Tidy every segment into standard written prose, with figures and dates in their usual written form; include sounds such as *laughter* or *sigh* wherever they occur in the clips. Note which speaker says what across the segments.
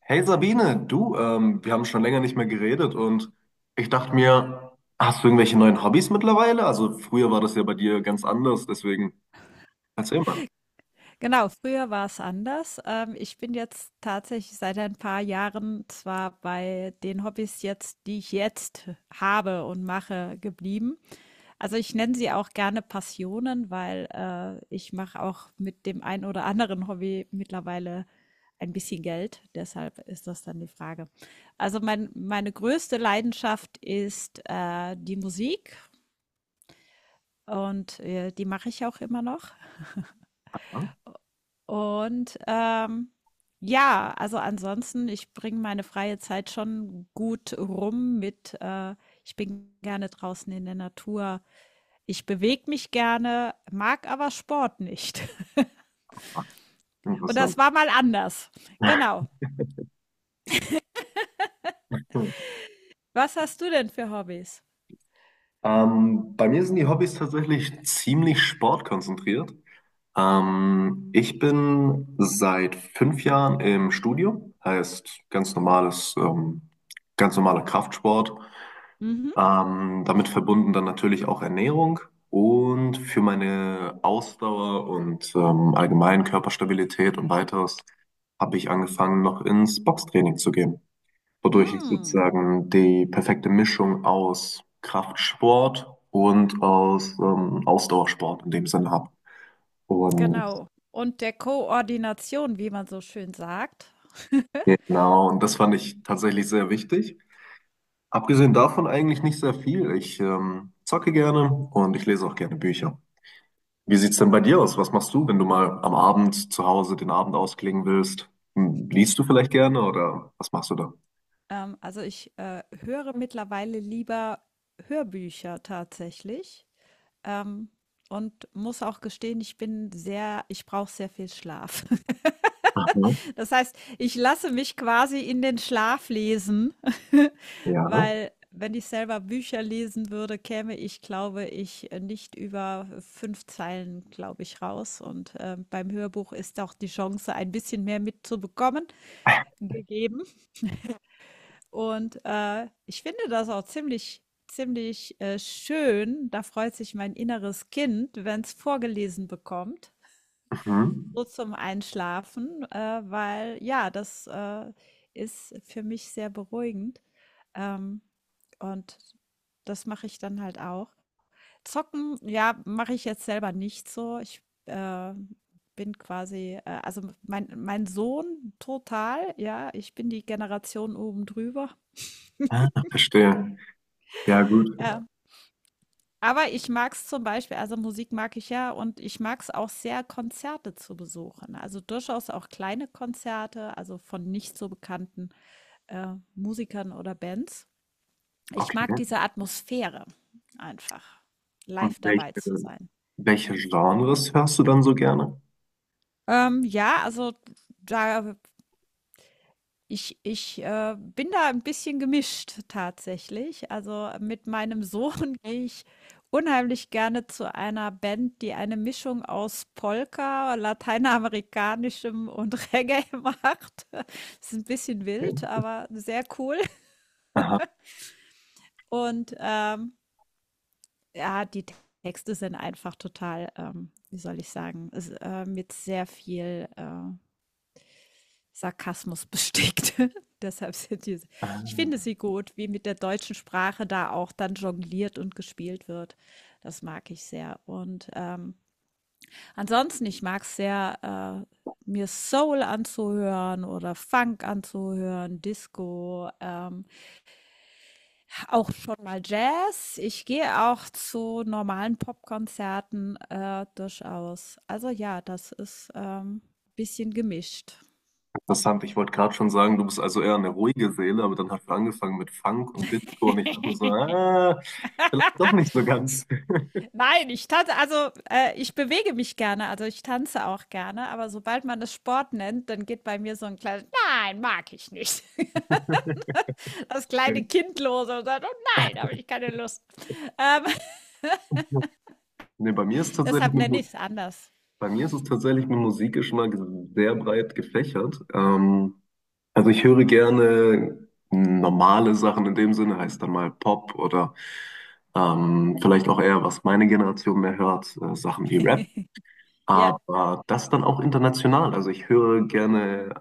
Speaker 1: Hey Sabine, du, wir haben schon länger nicht mehr geredet und ich dachte mir, hast du irgendwelche neuen Hobbys mittlerweile? Also früher war das ja bei dir ganz anders, deswegen erzähl mal.
Speaker 2: Genau, früher war es anders. Ich bin jetzt tatsächlich seit ein paar Jahren zwar bei den Hobbys jetzt, die ich jetzt habe und mache, geblieben. Also ich nenne sie auch gerne Passionen, weil ich mache auch mit dem ein oder anderen Hobby mittlerweile ein bisschen Geld. Deshalb ist das dann die Frage. Also meine größte Leidenschaft ist die Musik und die mache ich auch immer noch.
Speaker 1: Ja?
Speaker 2: Und, ähm, ja, also ansonsten, ich bringe meine freie Zeit schon gut rum mit, ich bin gerne draußen in der Natur. Ich bewege mich gerne, mag aber Sport nicht. *laughs*
Speaker 1: Ah,
Speaker 2: Und
Speaker 1: interessant.
Speaker 2: das war mal anders. Genau.
Speaker 1: Hm.
Speaker 2: Was hast du denn für Hobbys?
Speaker 1: Bei mir sind die Hobbys tatsächlich ziemlich sportkonzentriert. Ich bin seit fünf Jahren im Studio, heißt ganz normales, ganz normaler Kraftsport.
Speaker 2: Mhm.
Speaker 1: Damit verbunden dann natürlich auch Ernährung und für meine Ausdauer und allgemein Körperstabilität und weiteres habe ich angefangen, noch ins Boxtraining zu gehen, wodurch ich
Speaker 2: Hm,
Speaker 1: sozusagen die perfekte Mischung aus Kraftsport und aus Ausdauersport in dem Sinne habe. Und
Speaker 2: genau. Und der Koordination, wie man so schön sagt. *laughs*
Speaker 1: genau, und das fand ich tatsächlich sehr wichtig. Abgesehen davon eigentlich nicht sehr viel. Ich zocke gerne und ich lese auch gerne Bücher. Wie sieht's denn bei dir aus? Was machst du, wenn du mal am Abend zu Hause den Abend ausklingen willst? Hm, liest du vielleicht gerne oder was machst du da?
Speaker 2: Also höre mittlerweile lieber Hörbücher tatsächlich. ähm, und muss auch gestehen, ich brauche sehr viel Schlaf. *laughs*
Speaker 1: Aha,
Speaker 2: Das heißt, ich lasse mich quasi in den Schlaf lesen. *laughs*
Speaker 1: ja.
Speaker 2: Weil wenn ich selber Bücher lesen würde, käme ich, glaube ich, nicht über 5 Zeilen, glaube ich, raus. Und beim Hörbuch ist auch die Chance, ein bisschen mehr mitzubekommen, gegeben. Und ich finde das auch ziemlich schön. Da freut sich mein inneres Kind, wenn es vorgelesen bekommt,
Speaker 1: Mhm.
Speaker 2: so zum Einschlafen, weil ja, das ist für mich sehr beruhigend. Ähm, und das mache ich dann halt auch. Zocken, ja, mache ich jetzt selber nicht so. Ich bin quasi, also mein Sohn total, ja, ich bin die Generation oben drüber.
Speaker 1: Verstehe. Ja, gut.
Speaker 2: Ähm, Aber ich mag's zum Beispiel, also, Musik mag ich ja und ich mag's auch sehr, Konzerte zu besuchen. Also, durchaus auch kleine Konzerte, also, von nicht so bekannten Musikern oder Bands. Ich
Speaker 1: Okay.
Speaker 2: mag diese Atmosphäre einfach,
Speaker 1: Und
Speaker 2: live dabei zu
Speaker 1: welche,
Speaker 2: sein.
Speaker 1: welche Genres hörst du dann so gerne?
Speaker 2: Ja, also, da ich bin da ein bisschen gemischt tatsächlich. Also, mit meinem Sohn *laughs* gehe ich unheimlich gerne zu einer Band, die eine Mischung aus Polka, Lateinamerikanischem und *laughs* Reggae macht. Ist ein bisschen
Speaker 1: Okay.
Speaker 2: wild, aber sehr cool.
Speaker 1: Aha.
Speaker 2: Und ja, die Texte sind einfach total, wie soll ich sagen, s mit sehr viel Sarkasmus bestickt. *laughs* Deshalb sind diese.
Speaker 1: Ah,
Speaker 2: Ich finde sie gut, wie mit der deutschen Sprache da auch dann jongliert und gespielt wird. Das mag ich sehr. Und ansonsten, ich mag es sehr, mir Soul anzuhören oder Funk anzuhören, Disco, auch schon mal Jazz. Ich gehe auch zu normalen Popkonzerten durchaus. Also ja, das ist ein bisschen gemischt.
Speaker 1: interessant. Ich wollte gerade schon sagen, du bist also eher eine ruhige Seele, aber dann hast du angefangen mit Funk und Disco und ich dachte mir so, ah, vielleicht doch nicht so ganz.
Speaker 2: Nein, ich tanze, also ich bewege mich gerne, also ich tanze auch gerne, aber sobald man es Sport nennt, dann geht bei mir so ein kleines Nein, mag ich nicht. *laughs*
Speaker 1: *laughs*
Speaker 2: Das kleine Kind los und sagt, oh nein, habe ich keine Lust. Ähm, *laughs*
Speaker 1: Nee, bei mir ist tatsächlich
Speaker 2: Deshalb
Speaker 1: mit
Speaker 2: nenne
Speaker 1: Musik.
Speaker 2: ich es anders.
Speaker 1: Bei mir ist es tatsächlich mit Musikgeschmack sehr breit gefächert. Also ich höre gerne normale Sachen in dem Sinne, heißt dann mal Pop oder vielleicht auch eher, was meine Generation mehr hört, Sachen wie Rap.
Speaker 2: *laughs* Ja,
Speaker 1: Aber das dann auch international. Also ich höre gerne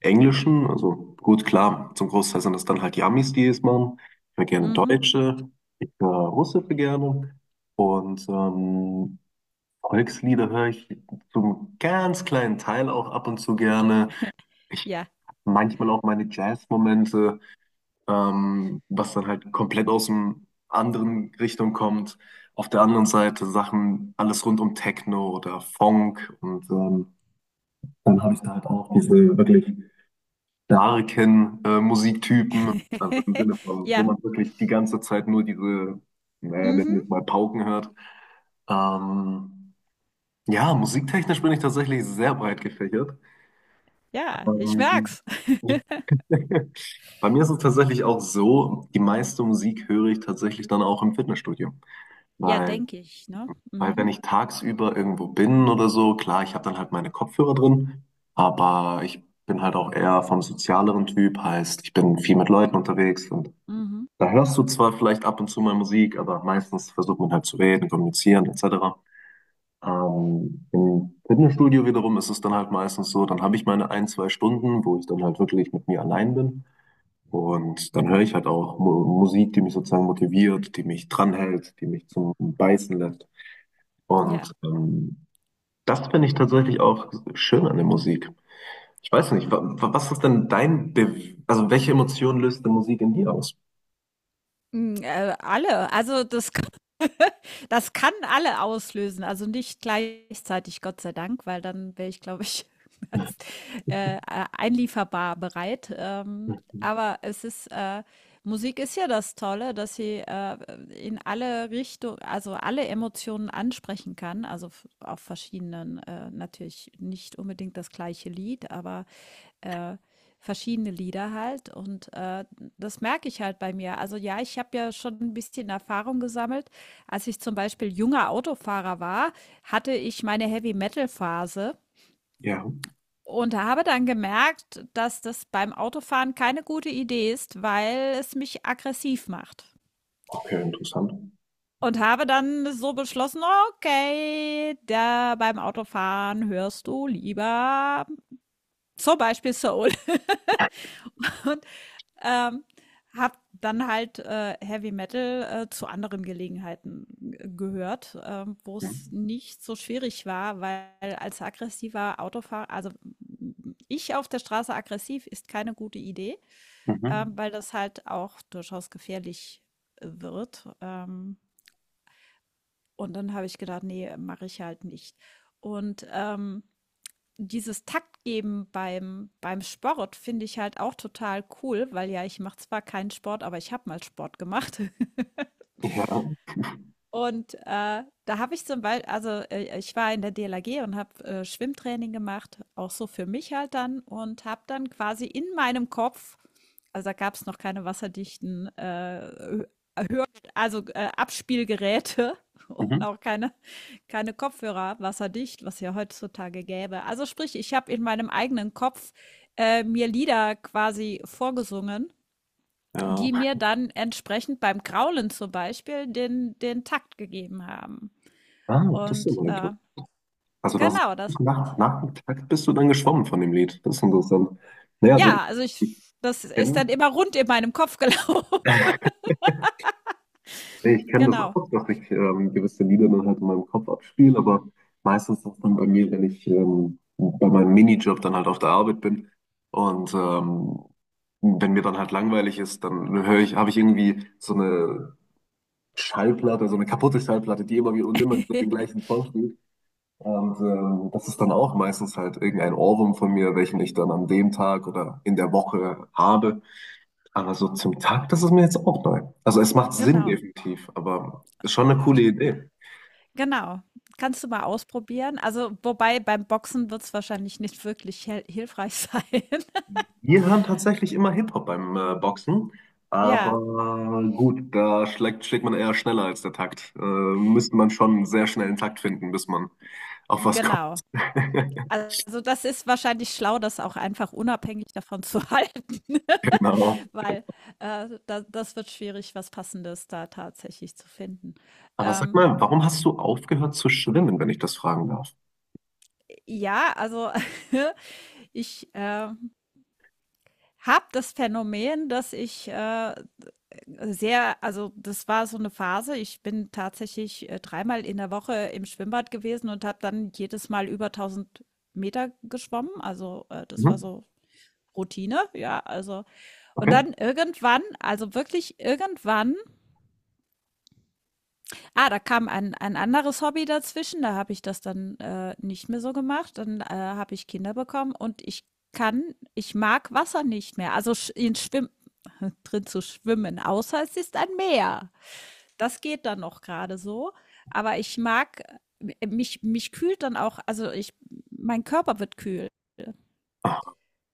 Speaker 1: Englischen, also gut, klar, zum Großteil sind das dann halt die Amis, die es machen. Ich höre gerne
Speaker 2: mhm,
Speaker 1: Deutsche, ich höre Russische gerne und Volkslieder höre ich zum ganz kleinen Teil auch ab und zu gerne. Ich
Speaker 2: ja.
Speaker 1: manchmal auch meine Jazz-Momente, was dann halt komplett aus dem anderen Richtung kommt. Auf der anderen Seite Sachen, alles rund um Techno oder Funk und dann habe ich da halt auch diese wirklich starken Musiktypen, also im
Speaker 2: *laughs*
Speaker 1: Sinne von, wo
Speaker 2: Ja,
Speaker 1: man wirklich die ganze Zeit nur diese, naja, nennen wir
Speaker 2: mhm,
Speaker 1: es mal Pauken hört. Ähm, Ja, musiktechnisch bin ich tatsächlich sehr breit gefächert.
Speaker 2: ja, ich
Speaker 1: Ähm,
Speaker 2: merk's.
Speaker 1: *laughs* bei mir ist es tatsächlich auch so, die meiste Musik höre ich tatsächlich dann auch im Fitnessstudio.
Speaker 2: Ja,
Speaker 1: Weil,
Speaker 2: denke ich, ne?
Speaker 1: weil wenn
Speaker 2: Mhm,
Speaker 1: ich tagsüber irgendwo bin oder so, klar, ich habe dann halt meine Kopfhörer drin, aber ich bin halt auch eher vom sozialeren Typ, heißt, ich bin viel mit Leuten unterwegs und
Speaker 2: mhm,
Speaker 1: da hörst du zwar vielleicht ab und zu mal Musik, aber meistens versucht man halt zu reden, kommunizieren etc. Im Fitnessstudio wiederum ist es dann halt meistens so, dann habe ich meine ein, zwei Stunden, wo ich dann halt wirklich mit mir allein bin. Und dann höre ich halt auch Mu Musik, die mich sozusagen motiviert, die mich dranhält, die mich zum Beißen lässt.
Speaker 2: ja.
Speaker 1: Und das finde ich tatsächlich auch schön an der Musik. Ich weiß nicht, was ist denn dein, Be also welche Emotion löst die Musik in dir aus?
Speaker 2: Mm. Alle, also das kann alle auslösen, also nicht gleichzeitig, Gott sei Dank, weil dann wäre ich, glaube ich, *laughs* als, äh, einlieferbar bereit. Ähm,
Speaker 1: Mhm.
Speaker 2: aber es ist, Musik ist ja das Tolle, dass sie in alle Richtungen, also alle Emotionen ansprechen kann, also auf verschiedenen, natürlich nicht unbedingt das gleiche Lied, aber äh, verschiedene Lieder halt. Und das merke ich halt bei mir. Also ja, ich habe ja schon ein bisschen Erfahrung gesammelt. Als ich zum Beispiel junger Autofahrer war, hatte ich meine Heavy-Metal-Phase
Speaker 1: Ja,
Speaker 2: und habe dann gemerkt, dass das beim Autofahren keine gute Idee ist, weil es mich aggressiv macht.
Speaker 1: okay, interessant.
Speaker 2: Und habe dann so beschlossen, okay, da beim Autofahren hörst du lieber zum Beispiel Soul. *laughs* Und Ähm, Hab dann halt Heavy Metal zu anderen Gelegenheiten gehört, wo es
Speaker 1: Mhm.
Speaker 2: nicht so schwierig war, weil als aggressiver Autofahrer, also ich auf der Straße aggressiv ist keine gute Idee,
Speaker 1: Mhm.
Speaker 2: weil das halt auch durchaus gefährlich wird. Und dann habe ich gedacht, nee, mache ich halt nicht. Und dieses Taktgeben beim Sport finde ich halt auch total cool, weil ja, ich mache zwar keinen Sport, aber ich habe mal Sport gemacht. *laughs*
Speaker 1: Ja,
Speaker 2: Und, da habe ich zum Bei also, ich war in der DLRG und habe, Schwimmtraining gemacht, auch so für mich halt dann und habe dann quasi in meinem Kopf, also, da gab es noch keine wasserdichten, Abspielgeräte *laughs* und
Speaker 1: mhm.
Speaker 2: auch keine, keine Kopfhörer, wasserdicht, was ja heutzutage gäbe. Also sprich, ich habe in meinem eigenen Kopf mir Lieder quasi vorgesungen, die
Speaker 1: Ja.
Speaker 2: mir dann entsprechend beim Graulen zum Beispiel den Takt gegeben haben.
Speaker 1: Ah, das ist
Speaker 2: Und
Speaker 1: immer interessant. Also das ist
Speaker 2: genau, das,
Speaker 1: wirklich nach, nach dem Takt bist du dann geschwommen von dem Lied. Das ist interessant. Naja, also ich,
Speaker 2: ja,
Speaker 1: ich
Speaker 2: das ist
Speaker 1: kenne
Speaker 2: dann immer rund in meinem Kopf gelaufen.
Speaker 1: ich
Speaker 2: *laughs*
Speaker 1: kenn das
Speaker 2: Genau.
Speaker 1: auch, dass ich gewisse Lieder dann halt in meinem Kopf abspiele, aber meistens ist das dann bei mir, wenn ich bei meinem Minijob dann halt auf der Arbeit bin und wenn mir dann halt langweilig ist, dann höre ich, habe ich irgendwie so eine Schallplatte, so eine kaputte Schallplatte, die immer wieder und immer wieder den
Speaker 2: *laughs*
Speaker 1: gleichen Song spielt. Und das ist dann auch meistens halt irgendein Ohrwurm von mir, welchen ich dann an dem Tag oder in der Woche habe. Aber so zum Tag, das ist mir jetzt auch neu. Also es macht Sinn
Speaker 2: Genau,
Speaker 1: definitiv, aber ist schon eine coole Idee.
Speaker 2: Genau, kannst du mal ausprobieren. Also, wobei beim Boxen wird es wahrscheinlich nicht wirklich hel hilfreich *laughs* sein.
Speaker 1: Wir hören tatsächlich immer Hip-Hop beim Boxen, aber
Speaker 2: Ja,
Speaker 1: gut, da schlägt, schlägt man eher schneller als der Takt. Müsste man schon einen sehr schnellen Takt finden, bis man auf was kommt.
Speaker 2: genau.
Speaker 1: *laughs*
Speaker 2: Also, das ist wahrscheinlich schlau, das auch einfach unabhängig davon zu *laughs* halten, ne?
Speaker 1: Genau.
Speaker 2: Weil, da das wird schwierig, was Passendes da tatsächlich zu finden.
Speaker 1: Aber sag
Speaker 2: Ähm,
Speaker 1: mal, warum hast du aufgehört zu schwimmen, wenn ich das fragen darf?
Speaker 2: ja, also *laughs* ich habe das Phänomen, dass ich sehr, also, das war so eine Phase. Ich bin tatsächlich, dreimal in der Woche im Schwimmbad gewesen und habe dann jedes Mal über 1.000 Meter geschwommen. Also, das war
Speaker 1: Mhm.
Speaker 2: so Routine, ja, also und
Speaker 1: Okay,
Speaker 2: dann irgendwann, also wirklich irgendwann, ah, da kam ein anderes Hobby dazwischen, da habe ich das dann, nicht mehr so gemacht. Dann, habe ich Kinder bekommen und kann ich mag Wasser nicht mehr, also sch in Schwimm *laughs* drin zu schwimmen, außer es ist ein Meer. Das geht dann noch gerade so, aber ich mag mich kühlt dann auch, also, ich mein Körper wird kühl,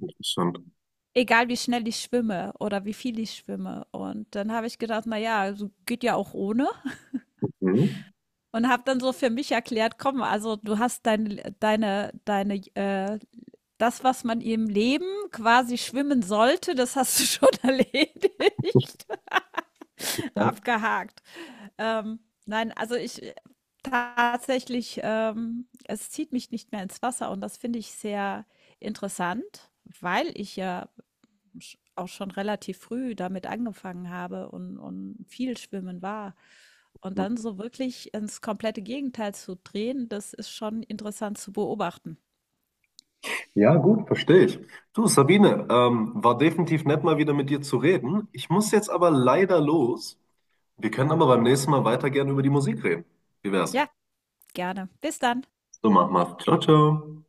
Speaker 1: interessant.
Speaker 2: egal wie schnell ich schwimme oder wie viel ich schwimme. Und dann habe ich gedacht: „Na ja, also, geht ja auch ohne“,
Speaker 1: Mhm.
Speaker 2: und habe dann so für mich erklärt: „Komm, also, du hast deine, das, was man im Leben quasi schwimmen sollte, das hast du *laughs* schon erledigt.“ *laughs*
Speaker 1: Ja.
Speaker 2: Abgehakt. Ähm, nein, also ich tatsächlich, es zieht mich nicht mehr ins Wasser und das finde ich sehr interessant, weil ich auch schon relativ früh damit angefangen habe und viel schwimmen war. Und dann so wirklich ins komplette Gegenteil zu drehen, das ist schon interessant zu beobachten.
Speaker 1: Ja, gut, verstehe ich. Du, Sabine, war definitiv nett, mal wieder mit dir zu reden. Ich muss jetzt aber leider los. Wir können aber beim nächsten Mal weiter gerne über die Musik reden. Wie wär's?
Speaker 2: Ja, gerne. Bis dann.
Speaker 1: So, mach mal. Ciao, ciao.